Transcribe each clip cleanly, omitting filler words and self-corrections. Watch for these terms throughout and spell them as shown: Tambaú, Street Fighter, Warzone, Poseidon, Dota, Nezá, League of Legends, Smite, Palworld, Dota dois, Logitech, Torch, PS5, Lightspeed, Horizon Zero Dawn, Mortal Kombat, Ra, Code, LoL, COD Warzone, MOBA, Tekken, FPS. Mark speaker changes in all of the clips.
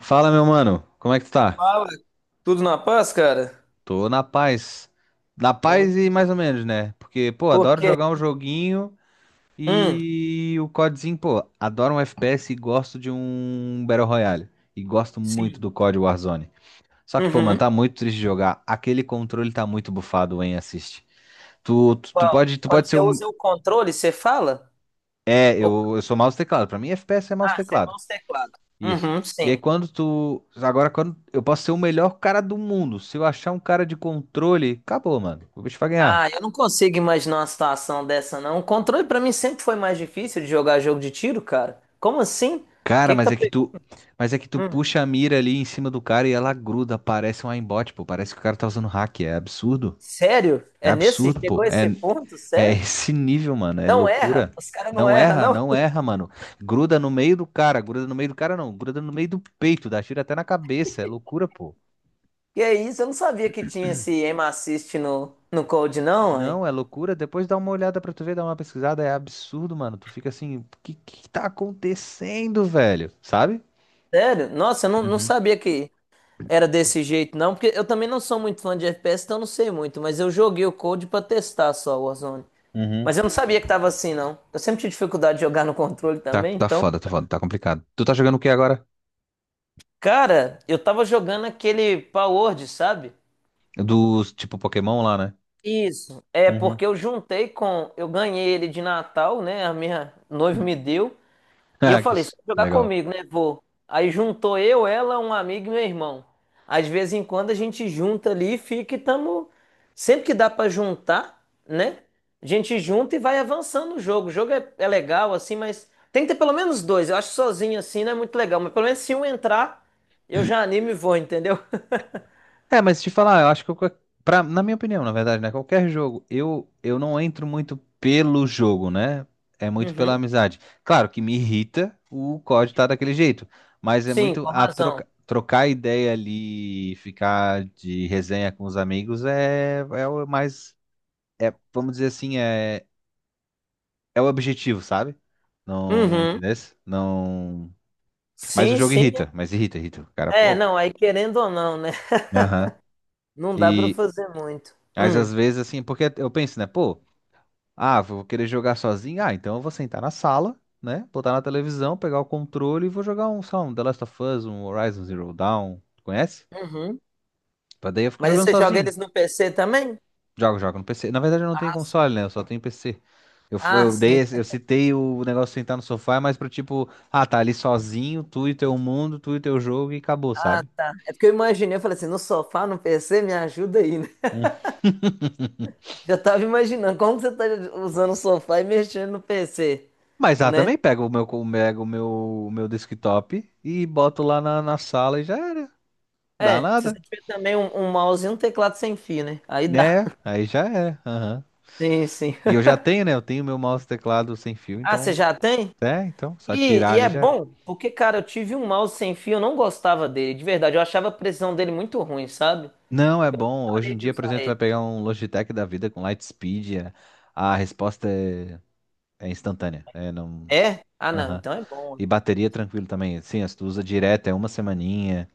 Speaker 1: Fala, meu mano, como é que tu tá?
Speaker 2: Fala. Tudo na paz, cara?
Speaker 1: Tô na paz. Na
Speaker 2: Bom.
Speaker 1: paz e mais ou menos, né? Porque, pô, adoro
Speaker 2: Porque,
Speaker 1: jogar um joguinho
Speaker 2: hum.
Speaker 1: e o CODzinho, pô, adoro um FPS e gosto de um Battle Royale. E gosto muito
Speaker 2: Sim.
Speaker 1: do COD Warzone. Só que, pô, mano,
Speaker 2: Uhum.
Speaker 1: tá muito triste de jogar. Aquele controle tá muito bufado, em assiste. Tu, tu, tu
Speaker 2: Qual?
Speaker 1: pode, tu
Speaker 2: Quando
Speaker 1: pode ser
Speaker 2: você
Speaker 1: um.
Speaker 2: usa o controle, você fala?
Speaker 1: É,
Speaker 2: Ou-
Speaker 1: eu sou mouse e teclado. Pra mim, FPS é mouse e
Speaker 2: Ah, você é
Speaker 1: teclado.
Speaker 2: mouse e teclado.
Speaker 1: Isso.
Speaker 2: Uhum,
Speaker 1: E aí
Speaker 2: sim.
Speaker 1: quando tu. Agora, quando. Eu posso ser o melhor cara do mundo. Se eu achar um cara de controle, acabou, mano. O bicho vai
Speaker 2: Ah, eu
Speaker 1: ganhar.
Speaker 2: não consigo imaginar uma situação dessa, não. O controle pra mim sempre foi mais difícil de jogar jogo de tiro, cara. Como assim? O
Speaker 1: Cara,
Speaker 2: que que
Speaker 1: mas
Speaker 2: tá
Speaker 1: é que
Speaker 2: pegando?
Speaker 1: tu. Mas é que tu
Speaker 2: Hum,
Speaker 1: puxa a mira ali em cima do cara e ela gruda. Parece um aimbot, pô. Parece que o cara tá usando hack. É absurdo.
Speaker 2: sério?
Speaker 1: É
Speaker 2: É nesse?
Speaker 1: absurdo,
Speaker 2: Chegou
Speaker 1: pô.
Speaker 2: a
Speaker 1: É,
Speaker 2: esse ponto?
Speaker 1: é
Speaker 2: Sério?
Speaker 1: esse nível, mano. É
Speaker 2: Não erra?
Speaker 1: loucura.
Speaker 2: Os caras não
Speaker 1: Não
Speaker 2: erram,
Speaker 1: erra,
Speaker 2: não?
Speaker 1: não erra, mano. Gruda no meio do cara. Gruda no meio do cara, não. Gruda no meio do peito. Dá tiro até na cabeça. É loucura, pô.
Speaker 2: Que é isso? Eu não sabia que tinha esse aim assist no Code, não.
Speaker 1: Não, é loucura. Depois dá uma olhada pra tu ver, dá uma pesquisada. É absurdo, mano. Tu fica assim, o que que tá acontecendo, velho? Sabe?
Speaker 2: Sério? Nossa, eu não, não
Speaker 1: Uhum,
Speaker 2: sabia que era desse jeito, não, porque eu também não sou muito fã de FPS, então eu não sei muito, mas eu joguei o Code pra testar só o Warzone.
Speaker 1: uhum.
Speaker 2: Mas eu não sabia que tava assim, não. Eu sempre tive dificuldade de jogar no controle
Speaker 1: Tá,
Speaker 2: também,
Speaker 1: tá
Speaker 2: então.
Speaker 1: foda, tá foda, tá complicado. Tu tá jogando o que agora?
Speaker 2: Cara, eu tava jogando aquele Palworld, sabe?
Speaker 1: Dos tipo Pokémon lá, né?
Speaker 2: Isso. É
Speaker 1: Uhum.
Speaker 2: porque eu juntei com. Eu ganhei ele de Natal, né? A minha noiva me deu. E eu
Speaker 1: Ah, que
Speaker 2: falei, você vai jogar
Speaker 1: legal.
Speaker 2: comigo, né? Vou. Aí juntou eu, ela, um amigo e meu irmão. Às vezes em quando a gente junta ali e fica e tamo. Sempre que dá pra juntar, né? A gente junta e vai avançando o jogo. O jogo é legal, assim, mas tem que ter pelo menos dois. Eu acho que sozinho assim não é muito legal, mas pelo menos se um entrar, eu já animo e vou, entendeu?
Speaker 1: É, mas te falar, eu acho que eu, pra, na minha opinião, na verdade, né? Qualquer jogo, eu não entro muito pelo jogo, né? É muito pela
Speaker 2: Uhum.
Speaker 1: amizade. Claro que me irrita o código tá daquele jeito, mas é
Speaker 2: Sim,
Speaker 1: muito
Speaker 2: com
Speaker 1: a
Speaker 2: razão.
Speaker 1: troca, trocar ideia ali, ficar de resenha com os amigos é, é o mais, é, vamos dizer assim, é, é o objetivo, sabe? Não,
Speaker 2: Uhum.
Speaker 1: entendesse? Não. Mas o
Speaker 2: Sim,
Speaker 1: jogo
Speaker 2: sim.
Speaker 1: irrita, mas irrita, irrita o cara
Speaker 2: É, é, não,
Speaker 1: pouco.
Speaker 2: aí querendo ou não, né?
Speaker 1: Aham.
Speaker 2: Não dá pra
Speaker 1: E,
Speaker 2: fazer muito.
Speaker 1: mas
Speaker 2: Hum.
Speaker 1: às vezes, assim, porque eu penso, né? Pô. Ah, vou querer jogar sozinho? Ah, então eu vou sentar na sala, né? Botar na televisão, pegar o controle e vou jogar um, sei lá, um The Last of Us, um Horizon Zero Dawn. Conhece?
Speaker 2: Uhum.
Speaker 1: Pra daí eu fico
Speaker 2: Mas aí
Speaker 1: jogando
Speaker 2: você joga
Speaker 1: sozinho.
Speaker 2: eles no PC também?
Speaker 1: Jogo, jogo no PC. Na verdade eu não tenho
Speaker 2: Ah, sim.
Speaker 1: console, né? Eu só tenho PC. Eu,
Speaker 2: Ah, sim.
Speaker 1: eu citei o negócio de sentar no sofá, mas pro tipo, ah, tá ali sozinho, tu e teu mundo, tu e teu jogo e acabou,
Speaker 2: Ah,
Speaker 1: sabe?
Speaker 2: tá. É porque eu imaginei, eu falei assim, no sofá, no PC, me ajuda aí, né?
Speaker 1: Hum.
Speaker 2: Já tava imaginando como que você tá usando o sofá e mexendo no PC,
Speaker 1: Mas ah,
Speaker 2: né?
Speaker 1: também pego o meu desktop e boto lá na, na sala e já era. Dá
Speaker 2: É, se
Speaker 1: nada,
Speaker 2: você tiver também um mouse e um teclado sem fio, né? Aí dá.
Speaker 1: né? Aí já era. Aham.
Speaker 2: Sim, sim.
Speaker 1: E eu já tenho, né? Eu tenho meu mouse e teclado sem fio,
Speaker 2: Ah, você
Speaker 1: então.
Speaker 2: já tem?
Speaker 1: É, então, só
Speaker 2: E,
Speaker 1: tirar
Speaker 2: e
Speaker 1: ali
Speaker 2: é
Speaker 1: já era.
Speaker 2: bom, porque, cara, eu tive um mouse sem fio, eu não gostava dele, de verdade. Eu achava a precisão dele muito ruim, sabe?
Speaker 1: Não, é bom. Hoje
Speaker 2: Parei
Speaker 1: em
Speaker 2: de
Speaker 1: dia, por
Speaker 2: usar
Speaker 1: exemplo, tu
Speaker 2: ele.
Speaker 1: vai pegar um Logitech da vida com Lightspeed, é- a resposta é, é instantânea. É, não.
Speaker 2: É? Ah, não,
Speaker 1: Aham.
Speaker 2: então é bom.
Speaker 1: E bateria é tranquilo também. Sim, se tu usa direto, é uma semaninha.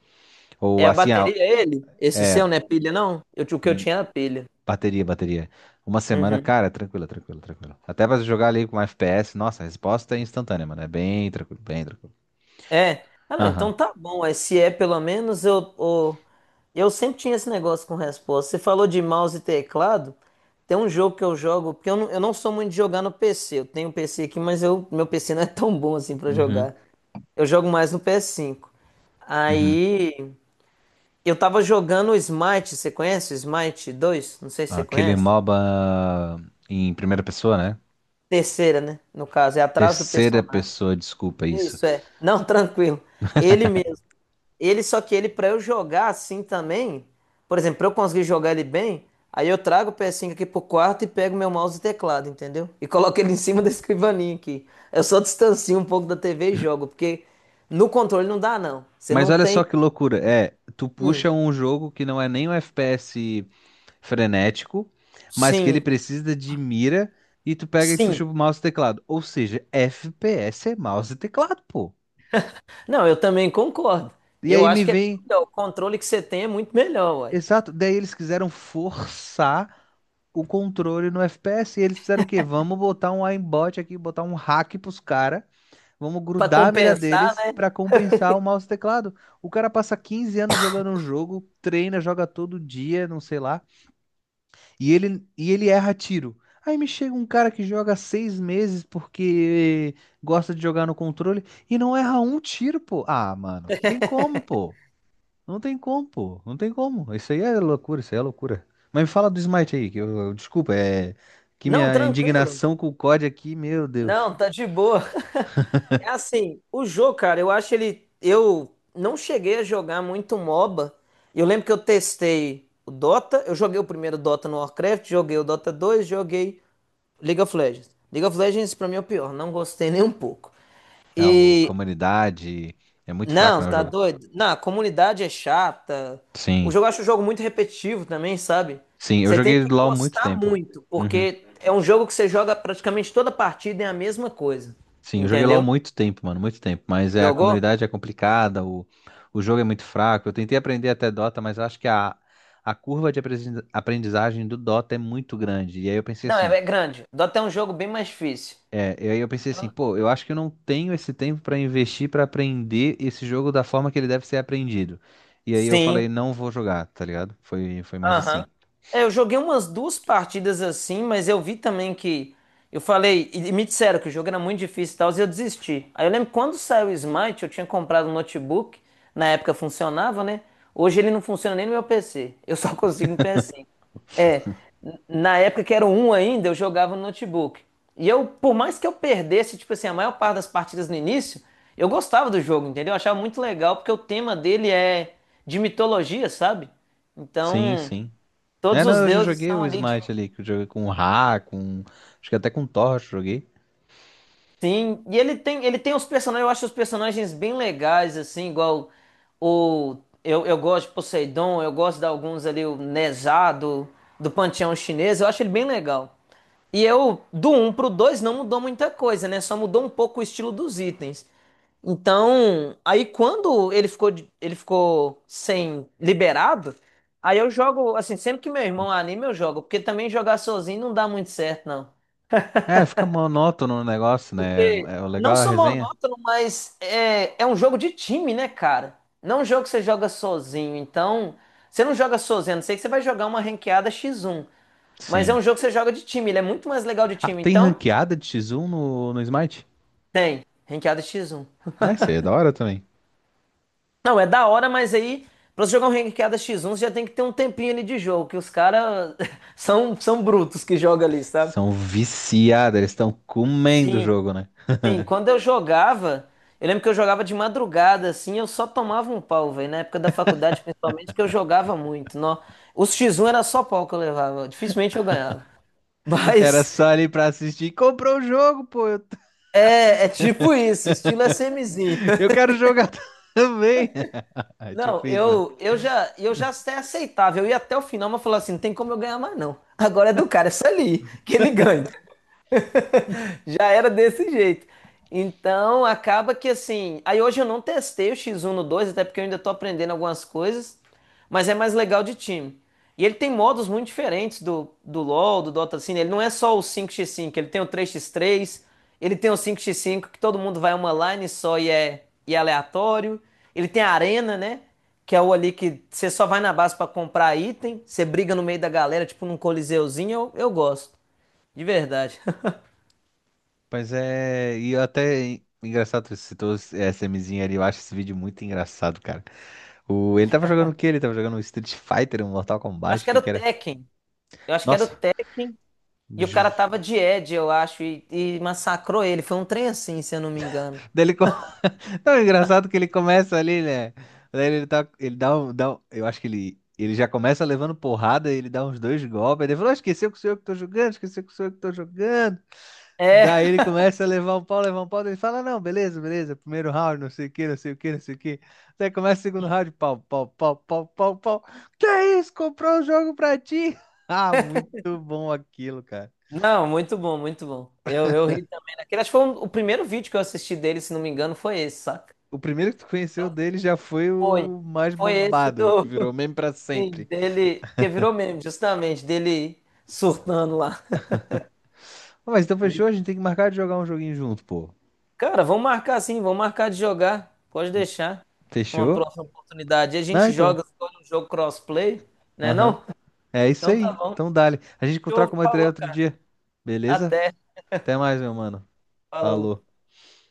Speaker 2: É
Speaker 1: Ou
Speaker 2: a
Speaker 1: assim, ah,
Speaker 2: bateria ele? Esse
Speaker 1: é.
Speaker 2: seu não é pilha, não? O que eu
Speaker 1: hum,
Speaker 2: tinha era pilha.
Speaker 1: Bateria, bateria. Uma semana,
Speaker 2: Uhum.
Speaker 1: cara, é tranquilo, é tranquilo, é tranquilo. Até pra jogar ali com FPS, nossa, a resposta é instantânea, mano. É bem tranquilo, bem tranquilo.
Speaker 2: É. Ah, não,
Speaker 1: Aham.
Speaker 2: então tá bom. Aí, se é pelo menos eu sempre tinha esse negócio com resposta. Você falou de mouse e teclado. Tem um jogo que eu jogo, porque eu não sou muito de jogar no PC. Eu tenho um PC aqui, mas meu PC não é tão bom assim pra
Speaker 1: Uhum.
Speaker 2: jogar. Eu jogo mais no PS5.
Speaker 1: Uhum.
Speaker 2: Aí eu tava jogando o Smite, você conhece o Smite 2? Não sei se você
Speaker 1: Aquele
Speaker 2: conhece.
Speaker 1: MOBA em primeira pessoa, né?
Speaker 2: Terceira, né? No caso, é atrás do
Speaker 1: Terceira
Speaker 2: personagem.
Speaker 1: pessoa, desculpa isso.
Speaker 2: Isso é. Não, tranquilo. Ele mesmo. Ele Só que ele para eu jogar assim também, por exemplo, pra eu conseguir jogar ele bem, aí eu trago o PS5 aqui pro quarto e pego meu mouse e teclado, entendeu? E coloco ele em cima da escrivaninha aqui. Eu só distancio um pouco da TV e jogo, porque no controle não dá não. Você
Speaker 1: Mas
Speaker 2: não
Speaker 1: olha
Speaker 2: tem.
Speaker 1: só que loucura. É, tu
Speaker 2: Hum,
Speaker 1: puxa um jogo que não é nem um FPS frenético, mas que ele
Speaker 2: sim,
Speaker 1: precisa de mira e tu pega e puxa
Speaker 2: sim.
Speaker 1: o mouse e teclado. Ou seja, FPS é mouse e teclado, pô.
Speaker 2: Não, eu também concordo.
Speaker 1: E
Speaker 2: Eu
Speaker 1: aí
Speaker 2: acho
Speaker 1: me
Speaker 2: que é bem
Speaker 1: vem.
Speaker 2: melhor. O controle que você tem é muito melhor, ué.
Speaker 1: Exato. Daí eles quiseram forçar o controle no FPS. E eles fizeram o quê? Vamos botar um aimbot aqui, botar um hack pros caras. Vamos
Speaker 2: Para
Speaker 1: grudar a mira
Speaker 2: compensar,
Speaker 1: deles
Speaker 2: né?
Speaker 1: pra compensar o mouse e teclado. O cara passa 15 anos jogando um jogo, treina, joga todo dia, não sei lá, e ele erra tiro. Aí me chega um cara que joga seis meses porque gosta de jogar no controle e não erra um tiro, pô. Ah, mano, tem como, pô. Não tem como, pô. Não tem como. Isso aí é loucura, isso aí é loucura. Mas me fala do Smite aí, que desculpa, é que
Speaker 2: Não,
Speaker 1: minha
Speaker 2: tranquilo.
Speaker 1: indignação com o COD aqui, meu Deus.
Speaker 2: Não, tá de boa. É assim, o jogo, cara, eu acho ele. Eu não cheguei a jogar muito MOBA. Eu lembro que eu testei o Dota. Eu joguei o primeiro Dota no Warcraft, joguei o Dota dois. Joguei League of Legends. League of Legends, pra mim, é o pior. Não gostei nem um pouco.
Speaker 1: Não, o
Speaker 2: E
Speaker 1: comunidade é muito fraco,
Speaker 2: não,
Speaker 1: né, o
Speaker 2: tá
Speaker 1: jogo.
Speaker 2: doido? Não, a comunidade é chata.
Speaker 1: Sim,
Speaker 2: O jogo, eu acho o jogo muito repetitivo também, sabe?
Speaker 1: sim, eu
Speaker 2: Você tem
Speaker 1: joguei
Speaker 2: que
Speaker 1: LoL há muito
Speaker 2: gostar
Speaker 1: tempo.
Speaker 2: muito,
Speaker 1: Uhum.
Speaker 2: porque é um jogo que você joga praticamente toda partida é a mesma coisa.
Speaker 1: Sim, eu joguei LoL há
Speaker 2: Entendeu?
Speaker 1: muito tempo, mano, muito tempo. Mas é, a
Speaker 2: Jogou?
Speaker 1: comunidade é complicada, o jogo é muito fraco. Eu tentei aprender até Dota, mas eu acho que a curva de aprendizagem do Dota é muito grande. E aí eu pensei
Speaker 2: Não,
Speaker 1: assim,
Speaker 2: é grande. Dota é um jogo bem mais difícil.
Speaker 1: é, e aí eu pensei assim, pô, eu acho que eu não tenho esse tempo pra investir pra aprender esse jogo da forma que ele deve ser aprendido. E aí eu falei,
Speaker 2: Sim.
Speaker 1: não vou jogar, tá ligado? Foi, foi mais assim.
Speaker 2: Aham. É, eu joguei umas duas partidas assim, mas eu vi também que. Eu falei, e me disseram que o jogo era muito difícil e tal, e eu desisti. Aí eu lembro que quando saiu o Smite, eu tinha comprado um notebook, na época funcionava, né? Hoje ele não funciona nem no meu PC, eu só consigo no PS5. É, na época que era o um ainda, eu jogava no notebook. E eu, por mais que eu perdesse, tipo assim, a maior parte das partidas no início, eu gostava do jogo, entendeu? Eu achava muito legal, porque o tema dele é de mitologia, sabe?
Speaker 1: Sim,
Speaker 2: Então.
Speaker 1: sim. É,
Speaker 2: Todos os
Speaker 1: não, eu já
Speaker 2: deuses
Speaker 1: joguei
Speaker 2: são
Speaker 1: o
Speaker 2: ali de.
Speaker 1: Smite ali, que eu joguei com o Ra, com. Acho que até com o Torch eu joguei.
Speaker 2: Sim, e ele tem, os personagens, eu acho os personagens bem legais, assim, igual o. Eu gosto de Poseidon, eu gosto de alguns ali, o Nezá do panteão chinês, eu acho ele bem legal. E eu, do um pro 2 não mudou muita coisa, né? Só mudou um pouco o estilo dos itens. Então, aí quando ele ficou, ele ficou sem liberado, aí eu jogo, assim, sempre que meu irmão anima, eu jogo, porque também jogar sozinho não dá muito certo, não.
Speaker 1: É, fica monótono o negócio, né?
Speaker 2: Porque
Speaker 1: É o
Speaker 2: não
Speaker 1: legal a
Speaker 2: só
Speaker 1: resenha.
Speaker 2: monótono, mas é um jogo de time, né, cara? Não é um jogo que você joga sozinho. Então, você não joga sozinho, a não sei que você vai jogar uma ranqueada X1. Mas é
Speaker 1: Sim.
Speaker 2: um jogo que você joga de time, ele é muito mais legal de
Speaker 1: Ah,
Speaker 2: time.
Speaker 1: tem
Speaker 2: Então,
Speaker 1: ranqueada de X1 no, no Smite?
Speaker 2: tem, ranqueada X1.
Speaker 1: É, isso aí é da hora também.
Speaker 2: Não, é da hora, mas aí, pra você jogar um ranqueada X1, você já tem que ter um tempinho ali de jogo, que os caras são, brutos que jogam ali, sabe?
Speaker 1: São viciados, eles estão comendo o
Speaker 2: Sim,
Speaker 1: jogo, né?
Speaker 2: sim, quando eu jogava, eu lembro que eu jogava de madrugada, assim, eu só tomava um pau, velho. Na época da faculdade, principalmente, que eu jogava muito. Nó. Os X1 era só pau que eu levava, dificilmente eu ganhava.
Speaker 1: Era
Speaker 2: Mas
Speaker 1: só ali pra assistir. Comprou o jogo, pô! Eu,
Speaker 2: é tipo isso, estilo SMzinho.
Speaker 1: eu quero jogar também! É tipo
Speaker 2: Não,
Speaker 1: isso, né?
Speaker 2: eu já até aceitava, eu ia até o final, mas falava assim, não tem como eu ganhar mais não. Agora é do cara, é isso ali, que ele ganha. Já era desse jeito. Então, acaba que assim. Aí hoje eu não testei o X1 no 2 até porque eu ainda tô aprendendo algumas coisas. Mas é mais legal de time. E ele tem modos muito diferentes do, LoL, do Dota, assim. Ele não é só o 5x5, ele tem o 3x3, ele tem o 5x5 que todo mundo vai uma line só e é aleatório. Ele tem a arena, né? Que é o ali que você só vai na base pra comprar item, você briga no meio da galera, tipo num coliseuzinho. Eu gosto, de verdade.
Speaker 1: Pois é, e até engraçado, que você citou essa MZinha ali, eu acho esse vídeo muito engraçado, cara. O, ele tava jogando o quê? Ele tava jogando um Street Fighter, um Mortal
Speaker 2: Acho
Speaker 1: Kombat, o
Speaker 2: que
Speaker 1: que
Speaker 2: era o
Speaker 1: que era?
Speaker 2: Tekken. Eu acho que era o
Speaker 1: Nossa!
Speaker 2: Tekken e o cara tava
Speaker 1: Ju-
Speaker 2: de Ed, eu acho, e massacrou ele. Foi um trem assim, se eu não me engano.
Speaker 1: Daí ele, co- não, é engraçado que ele começa ali, né? Daí ele, tá, ele dá um- Eu acho que ele já começa levando porrada, ele dá uns dois golpes, aí ele falou, ah, esqueceu que sou eu que tô jogando, esqueceu que sou eu que tô jogando.
Speaker 2: É,
Speaker 1: Daí ele começa a levar um pau, daí ele fala, não, beleza, beleza, primeiro round, não sei o que, não sei o que, não sei o que. Daí começa o segundo round, pau, pau, pau, pau, pau, pau. Que é isso? Comprou o jogo pra ti? Ah, muito bom aquilo, cara.
Speaker 2: não, muito bom, muito bom. Eu ri também daquele. Acho que foi o primeiro vídeo que eu assisti dele, se não me engano, foi esse, saca?
Speaker 1: O primeiro que tu conheceu dele já foi
Speaker 2: Foi.
Speaker 1: o mais
Speaker 2: Foi esse
Speaker 1: bombado,
Speaker 2: do.
Speaker 1: que virou meme pra
Speaker 2: Sim,
Speaker 1: sempre.
Speaker 2: dele. Que virou meme, justamente, dele surtando lá.
Speaker 1: "Ah, Mas então
Speaker 2: De-
Speaker 1: fechou, a gente tem que marcar de jogar um joguinho junto, pô.
Speaker 2: Cara, vamos marcar sim, vamos marcar de jogar. Pode deixar. Uma
Speaker 1: Fechou?
Speaker 2: próxima oportunidade. E a
Speaker 1: Ah,
Speaker 2: gente
Speaker 1: então.
Speaker 2: joga, escolhe um jogo crossplay, né?
Speaker 1: Aham.
Speaker 2: Não?
Speaker 1: É isso
Speaker 2: Então
Speaker 1: aí.
Speaker 2: tá bom.
Speaker 1: Então dale. A gente troca
Speaker 2: Show,
Speaker 1: uma ideia
Speaker 2: falou,
Speaker 1: outro
Speaker 2: cara.
Speaker 1: dia. Beleza?
Speaker 2: Até.
Speaker 1: Até mais, meu mano.
Speaker 2: Falou.
Speaker 1: Falou.